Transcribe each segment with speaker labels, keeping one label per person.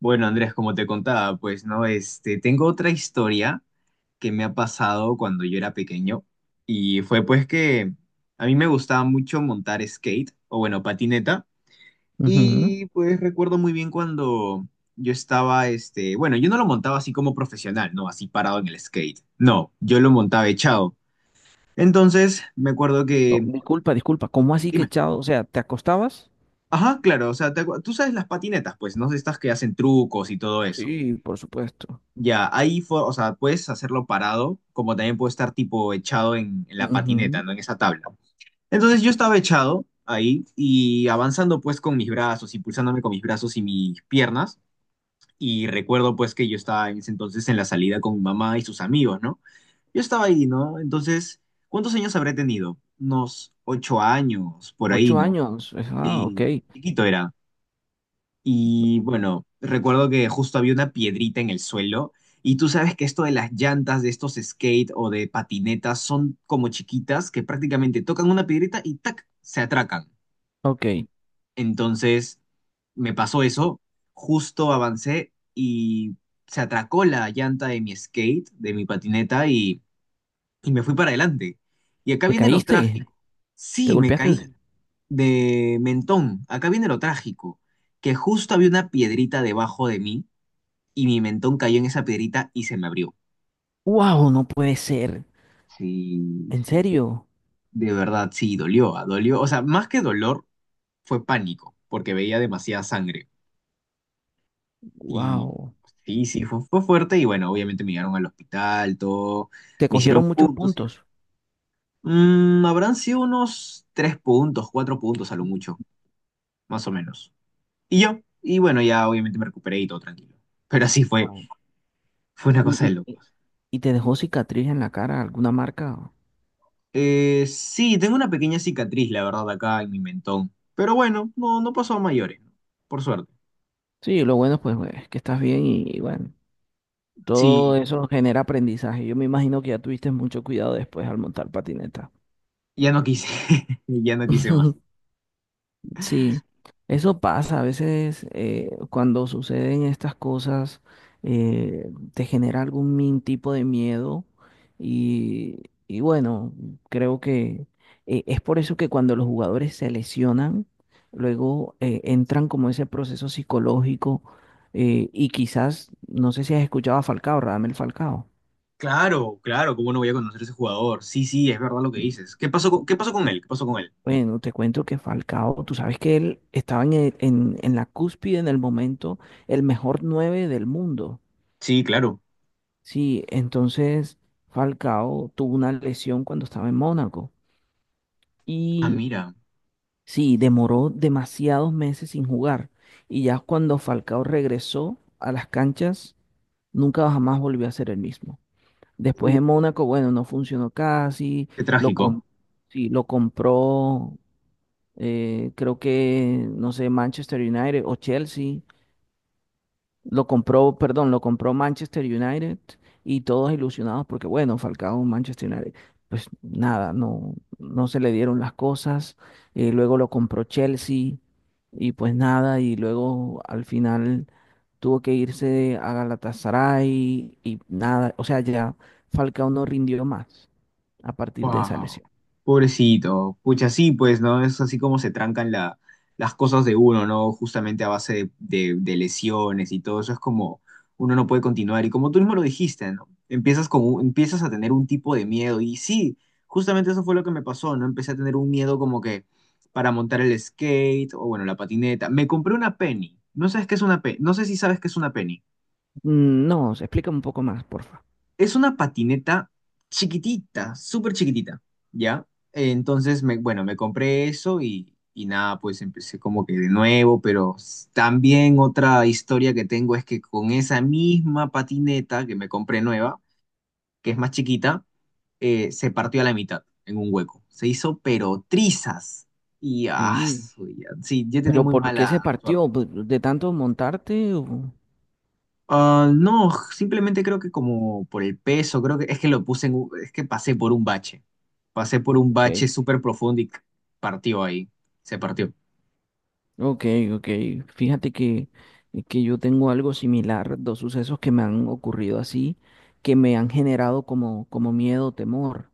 Speaker 1: Bueno, Andrés, como te contaba, pues no, tengo otra historia que me ha pasado cuando yo era pequeño y fue pues que a mí me gustaba mucho montar skate o bueno, patineta.
Speaker 2: Ujú.
Speaker 1: Y pues recuerdo muy bien cuando yo estaba, bueno, yo no lo montaba así como profesional, no, así parado en el skate, no, yo lo montaba echado. Entonces me acuerdo
Speaker 2: No,
Speaker 1: que,
Speaker 2: disculpa, disculpa. ¿Cómo así que
Speaker 1: dime,
Speaker 2: echado? O sea, ¿te acostabas?
Speaker 1: ajá, claro, o sea, tú sabes las patinetas, pues, no, estas que hacen trucos y todo eso.
Speaker 2: Sí, por supuesto.
Speaker 1: Ya, ahí fue, o sea, puedes hacerlo parado, como también puede estar tipo echado en la patineta,
Speaker 2: Ujú.
Speaker 1: ¿no? En esa tabla. Entonces yo estaba echado ahí y avanzando pues con mis brazos, impulsándome con mis brazos y mis piernas. Y recuerdo pues que yo estaba en ese entonces en la salida con mi mamá y sus amigos, ¿no? Yo estaba ahí, ¿no? Entonces, ¿cuántos años habré tenido? Unos 8 años, por ahí,
Speaker 2: Ocho
Speaker 1: ¿no?
Speaker 2: años. Ah, ok.
Speaker 1: Sí, chiquito era. Y bueno, recuerdo que justo había una piedrita en el suelo. Y tú sabes que esto de las llantas de estos skate o de patinetas son como chiquitas que prácticamente tocan una piedrita y ¡tac! Se atracan.
Speaker 2: Ok.
Speaker 1: Entonces me pasó eso, justo avancé y se atracó la llanta de mi skate, de mi patineta y me fui para adelante. Y acá
Speaker 2: ¿Te
Speaker 1: viene lo
Speaker 2: caíste?
Speaker 1: trágico.
Speaker 2: ¿Te
Speaker 1: Sí, me caí
Speaker 2: golpeaste?
Speaker 1: de mentón. Acá viene lo trágico, que justo había una piedrita debajo de mí y mi mentón cayó en esa piedrita y se me abrió.
Speaker 2: ¡Wow! No puede ser.
Speaker 1: Sí,
Speaker 2: ¿En
Speaker 1: sí,
Speaker 2: serio?
Speaker 1: de verdad, sí, dolió, ah, dolió. O sea, más que dolor, fue pánico, porque veía demasiada sangre. Y
Speaker 2: ¡Wow!
Speaker 1: sí, sí, fue, fue fuerte y bueno, obviamente me llevaron al hospital, todo,
Speaker 2: ¿Te
Speaker 1: me hicieron
Speaker 2: cogieron muchos
Speaker 1: puntos.
Speaker 2: puntos?
Speaker 1: Habrán sido unos tres puntos, cuatro puntos a lo mucho, más o menos. Y yo, y bueno, ya obviamente me recuperé y todo tranquilo. Pero así fue,
Speaker 2: Guau.
Speaker 1: fue una cosa de
Speaker 2: ¿Y, y-
Speaker 1: locos.
Speaker 2: y te dejó cicatriz en la cara, alguna marca?
Speaker 1: Sí, tengo una pequeña cicatriz, la verdad, acá en mi mentón. Pero bueno, no, no pasó a mayores, ¿no? Por suerte.
Speaker 2: Sí, lo bueno pues es que estás bien y bueno,
Speaker 1: Sí,
Speaker 2: todo eso genera aprendizaje. Yo me imagino que ya tuviste mucho cuidado después al montar patineta.
Speaker 1: ya no quise, ya no quise más.
Speaker 2: Sí, eso pasa. A veces cuando suceden estas cosas, te genera algún tipo de miedo y, bueno, creo que es por eso que cuando los jugadores se lesionan, luego entran como ese proceso psicológico, y quizás, no sé si has escuchado a Falcao, Radamel Falcao.
Speaker 1: Claro, claro, ¿cómo no voy a conocer a ese jugador? Sí, sí, es verdad lo que dices. ¿Qué pasó con él? ¿Qué pasó con él?
Speaker 2: Bueno, te cuento que Falcao, tú sabes que él estaba en la cúspide en el momento, el mejor 9 del mundo.
Speaker 1: Sí, claro.
Speaker 2: Sí, entonces Falcao tuvo una lesión cuando estaba en Mónaco
Speaker 1: Ah,
Speaker 2: y
Speaker 1: mira.
Speaker 2: sí, demoró demasiados meses sin jugar. Y ya cuando Falcao regresó a las canchas, nunca jamás volvió a ser el mismo.
Speaker 1: Uh,
Speaker 2: Después en Mónaco, bueno, no funcionó casi,
Speaker 1: qué
Speaker 2: lo, com-
Speaker 1: trágico.
Speaker 2: sí, lo compró... Creo que, no sé, Manchester United o Chelsea. Lo compró, perdón, lo compró Manchester United y todos ilusionados porque, bueno, Falcao, Manchester United. Pues nada, no, no se le dieron las cosas. Luego lo compró Chelsea y pues nada, y luego al final tuvo que irse a Galatasaray y nada. O sea, ya Falcao no rindió más a partir de esa
Speaker 1: Wow,
Speaker 2: lesión.
Speaker 1: pobrecito. Pucha, sí, pues, ¿no? Es así como se trancan las cosas de uno, ¿no? Justamente a base de lesiones y todo eso es como uno no puede continuar. Y como tú mismo lo dijiste, ¿no? Empiezas a tener un tipo de miedo. Y sí, justamente eso fue lo que me pasó, ¿no? Empecé a tener un miedo como que para montar el skate o, bueno, la patineta. Me compré una penny. ¿No sabes qué es una penny? No sé si sabes qué es una penny.
Speaker 2: Mm, no, se explica un poco más, porfa.
Speaker 1: Es una patineta chiquitita, súper chiquitita, ¿ya? Entonces, bueno, me compré eso y nada, pues empecé como que de nuevo, pero también otra historia que tengo es que con esa misma patineta que me compré nueva, que es más chiquita, se partió a la mitad en un hueco. Se hizo pero trizas. Y ah,
Speaker 2: Sí.
Speaker 1: sí, yo tenía
Speaker 2: ¿Pero
Speaker 1: muy
Speaker 2: por qué se
Speaker 1: mala suerte.
Speaker 2: partió? Pues, De tanto montarte?
Speaker 1: Ah, no, simplemente creo que como por el peso, creo que es que lo puse es que pasé por un bache. Pasé por un
Speaker 2: Ok,
Speaker 1: bache súper profundo y partió ahí. Se partió.
Speaker 2: ok, ok. Fíjate que yo tengo algo similar, dos sucesos que me han ocurrido así, que me han generado como miedo, temor.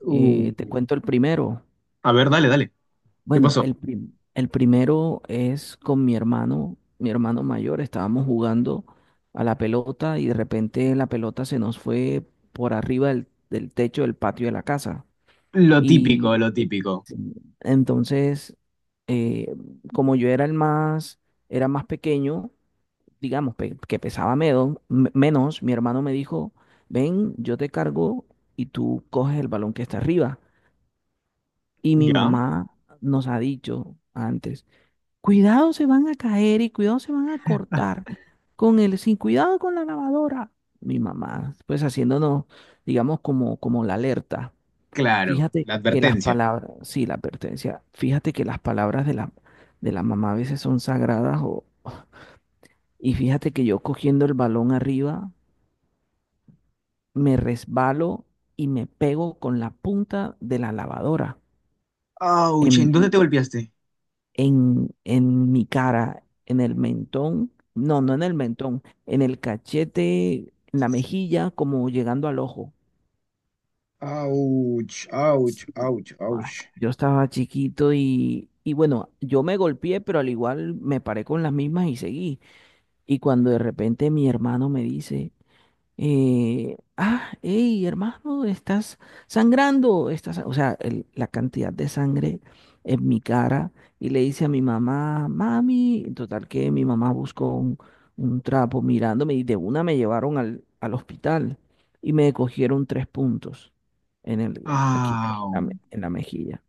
Speaker 1: Uh,
Speaker 2: Te cuento el primero.
Speaker 1: a ver, dale, dale. ¿Qué
Speaker 2: Bueno,
Speaker 1: pasó?
Speaker 2: el primero es con mi hermano mayor. Estábamos jugando a la pelota y de repente la pelota se nos fue por arriba del techo del patio de la casa.
Speaker 1: Lo típico, lo típico.
Speaker 2: Entonces, eh, como yo era el más, era más pequeño, digamos, que pesaba menos, mi hermano me dijo, ven, yo te cargo y tú coges el balón que está arriba. Y mi
Speaker 1: ¿Ya?
Speaker 2: mamá nos ha dicho antes, cuidado se van a caer y cuidado se van a cortar sin cuidado con la lavadora. Mi mamá, pues haciéndonos, digamos, como la alerta.
Speaker 1: Claro,
Speaker 2: Fíjate
Speaker 1: la
Speaker 2: que las
Speaker 1: advertencia.
Speaker 2: palabras, sí, la pertenencia. Fíjate que las palabras de la mamá a veces son sagradas, o... y fíjate que yo cogiendo el balón arriba me resbalo y me pego con la punta de la lavadora
Speaker 1: Auch, ¿en
Speaker 2: en,
Speaker 1: dónde te golpeaste?
Speaker 2: en mi cara, en el mentón, no, no en el mentón, en el cachete, en la mejilla, como llegando al ojo.
Speaker 1: Ouch, ouch, ouch,
Speaker 2: Ay,
Speaker 1: ouch.
Speaker 2: yo estaba chiquito y, bueno, yo me golpeé, pero al igual me paré con las mismas y seguí. Y cuando de repente mi hermano me dice, hey, hermano, estás sangrando, estás, o sea, la cantidad de sangre en mi cara, y le dice a mi mamá, mami, en total que mi mamá buscó un trapo mirándome y de una me llevaron al hospital y me cogieron tres puntos en el, aquí, en
Speaker 1: Au.
Speaker 2: la, me- en la mejilla.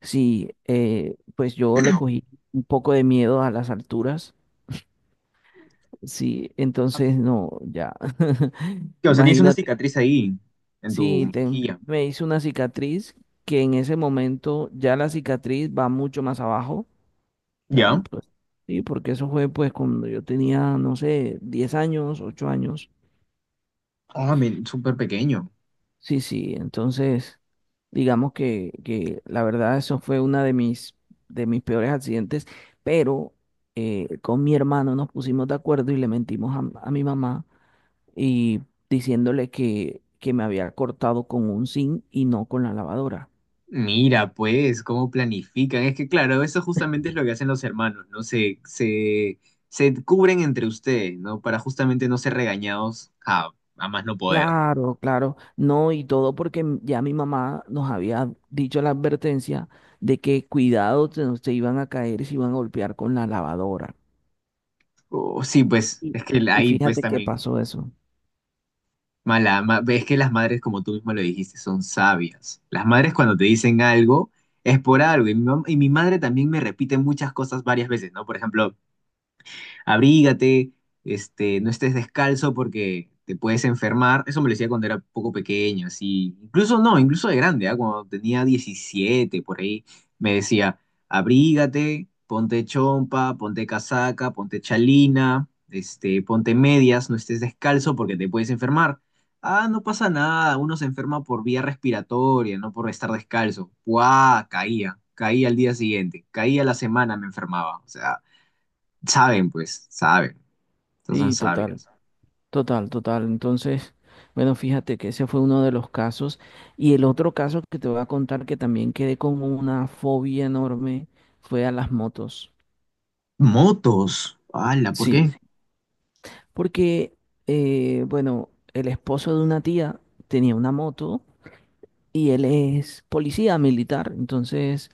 Speaker 2: Sí, pues yo le cogí un poco de miedo a las alturas. Sí,
Speaker 1: Ah,
Speaker 2: entonces no, ya.
Speaker 1: o sea, tienes una
Speaker 2: Imagínate,
Speaker 1: cicatriz ahí, en tu
Speaker 2: sí,
Speaker 1: mejilla.
Speaker 2: me hice una cicatriz que en ese momento ya la cicatriz va mucho más abajo. Ya,
Speaker 1: ¿Ya?
Speaker 2: pues, sí, porque eso fue pues cuando yo tenía, no sé, 10 años, 8 años.
Speaker 1: Ah, men, súper pequeño.
Speaker 2: Sí, sí, entonces digamos que la verdad eso fue una de mis peores accidentes, pero con mi hermano nos pusimos de acuerdo y le mentimos a mi mamá y diciéndole que me había cortado con un zinc y no con la lavadora.
Speaker 1: Mira, pues, cómo planifican. Es que, claro, eso justamente es lo que hacen los hermanos, ¿no? Se cubren entre ustedes, ¿no? Para justamente no ser regañados a más no poder, ¿no?
Speaker 2: Claro, claro, no, y todo porque ya mi mamá nos había dicho la advertencia de que cuidado, se, se iban a caer y se iban a golpear con la lavadora.
Speaker 1: Sí, pues,
Speaker 2: Y,
Speaker 1: es que
Speaker 2: y
Speaker 1: ahí, pues,
Speaker 2: fíjate qué
Speaker 1: también,
Speaker 2: pasó eso.
Speaker 1: es que las madres, como tú mismo lo dijiste, son sabias. Las madres cuando te dicen algo, es por algo. Y mi madre también me repite muchas cosas varias veces, ¿no? Por ejemplo, abrígate, no estés descalzo porque te puedes enfermar. Eso me lo decía cuando era poco pequeño, así. Incluso no, incluso de grande, ¿ah? Cuando tenía 17 por ahí, me decía, abrígate, ponte chompa, ponte casaca, ponte chalina, ponte medias, no estés descalzo porque te puedes enfermar. Ah, no pasa nada, uno se enferma por vía respiratoria, no por estar descalzo. ¡Guau! Caía, caía al día siguiente, caía la semana, me enfermaba. O sea, saben, pues, saben. Estos son
Speaker 2: Sí, total,
Speaker 1: sabios.
Speaker 2: total, total. Entonces, bueno, fíjate que ese fue uno de los casos. Y el otro caso que te voy a contar, que también quedé con una fobia enorme, fue a las motos.
Speaker 1: Motos. ¡Hala! ¿Por qué?
Speaker 2: Sí, porque, bueno, el esposo de una tía tenía una moto y él es policía militar, entonces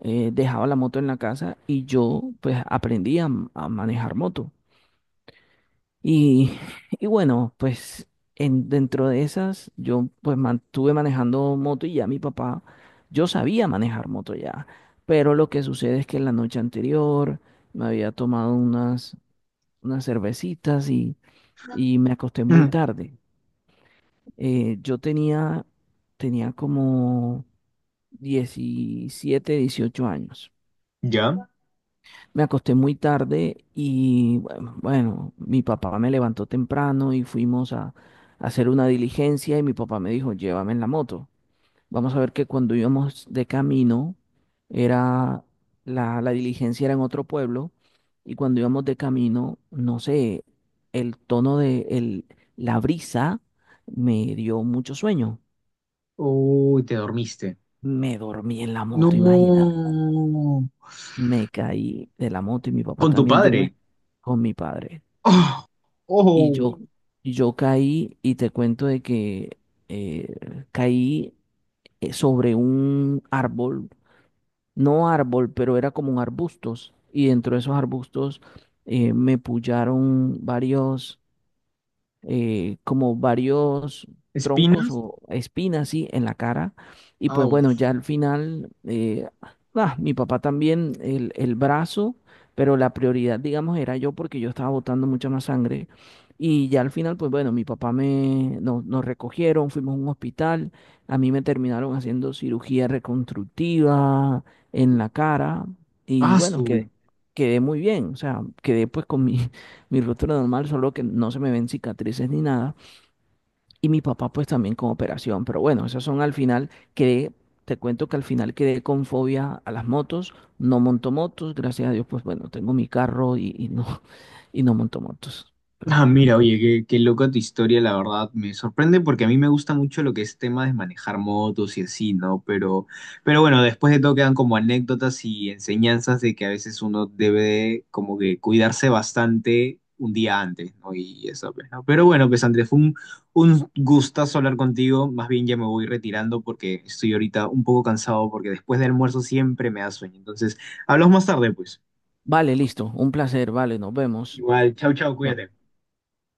Speaker 2: dejaba la moto en la casa y yo pues aprendí a manejar moto. Y, y bueno, pues dentro de esas yo pues mantuve manejando moto y ya mi papá, yo sabía manejar moto ya, pero lo que sucede es que la noche anterior me había tomado unas cervecitas y, me acosté muy
Speaker 1: Mm,
Speaker 2: tarde. Yo tenía como 17 18 años.
Speaker 1: ¿ya?
Speaker 2: Me acosté muy tarde y bueno, mi papá me levantó temprano y fuimos a hacer una diligencia y mi papá me dijo, llévame en la moto. Vamos a ver, que cuando íbamos de camino, era la diligencia era en otro pueblo y cuando íbamos de camino, no sé, el tono de la brisa me dio mucho sueño.
Speaker 1: Uy, te dormiste.
Speaker 2: Me dormí en la moto, imagínate.
Speaker 1: No.
Speaker 2: Me caí de la moto y mi papá
Speaker 1: Con tu
Speaker 2: también. Yo
Speaker 1: padre.
Speaker 2: me... con mi padre.
Speaker 1: Oh.
Speaker 2: Y
Speaker 1: Oh,
Speaker 2: yo, caí y te cuento de que caí, sobre un árbol, no árbol, pero era como un arbustos. Y dentro de esos arbustos, me pullaron varios como varios troncos
Speaker 1: espinas.
Speaker 2: o espinas, sí, en la cara. Y pues bueno,
Speaker 1: Ouch.
Speaker 2: ya al final, mi papá también, el brazo, pero la prioridad, digamos, era yo porque yo estaba botando mucha más sangre. Y ya al final, pues bueno, mi papá nos recogieron, fuimos a un hospital, a mí me terminaron haciendo cirugía reconstructiva en la cara y
Speaker 1: Ah,
Speaker 2: bueno,
Speaker 1: su.
Speaker 2: quedé muy bien, o sea, quedé pues con mi ruptura normal, solo que no se me ven cicatrices ni nada. Y mi papá pues también con operación. Pero bueno, esas son al final, te cuento que al final quedé con fobia a las motos, no monto motos, gracias a Dios, pues bueno, tengo mi carro y, y no monto motos.
Speaker 1: Ah, mira, oye, qué, qué loca tu historia, la verdad. Me sorprende porque a mí me gusta mucho lo que es tema de manejar motos y así, ¿no? Pero bueno, después de todo quedan como anécdotas y enseñanzas de que a veces uno debe de como que cuidarse bastante un día antes, ¿no? Y eso, pues, ¿no? Pero bueno, pues Andrés, fue un gustazo hablar contigo. Más bien ya me voy retirando porque estoy ahorita un poco cansado porque después del almuerzo siempre me da sueño. Entonces, hablamos más tarde, pues.
Speaker 2: Vale, listo, un placer, vale, nos vemos.
Speaker 1: Igual, chau, chau,
Speaker 2: Chao.
Speaker 1: cuídate.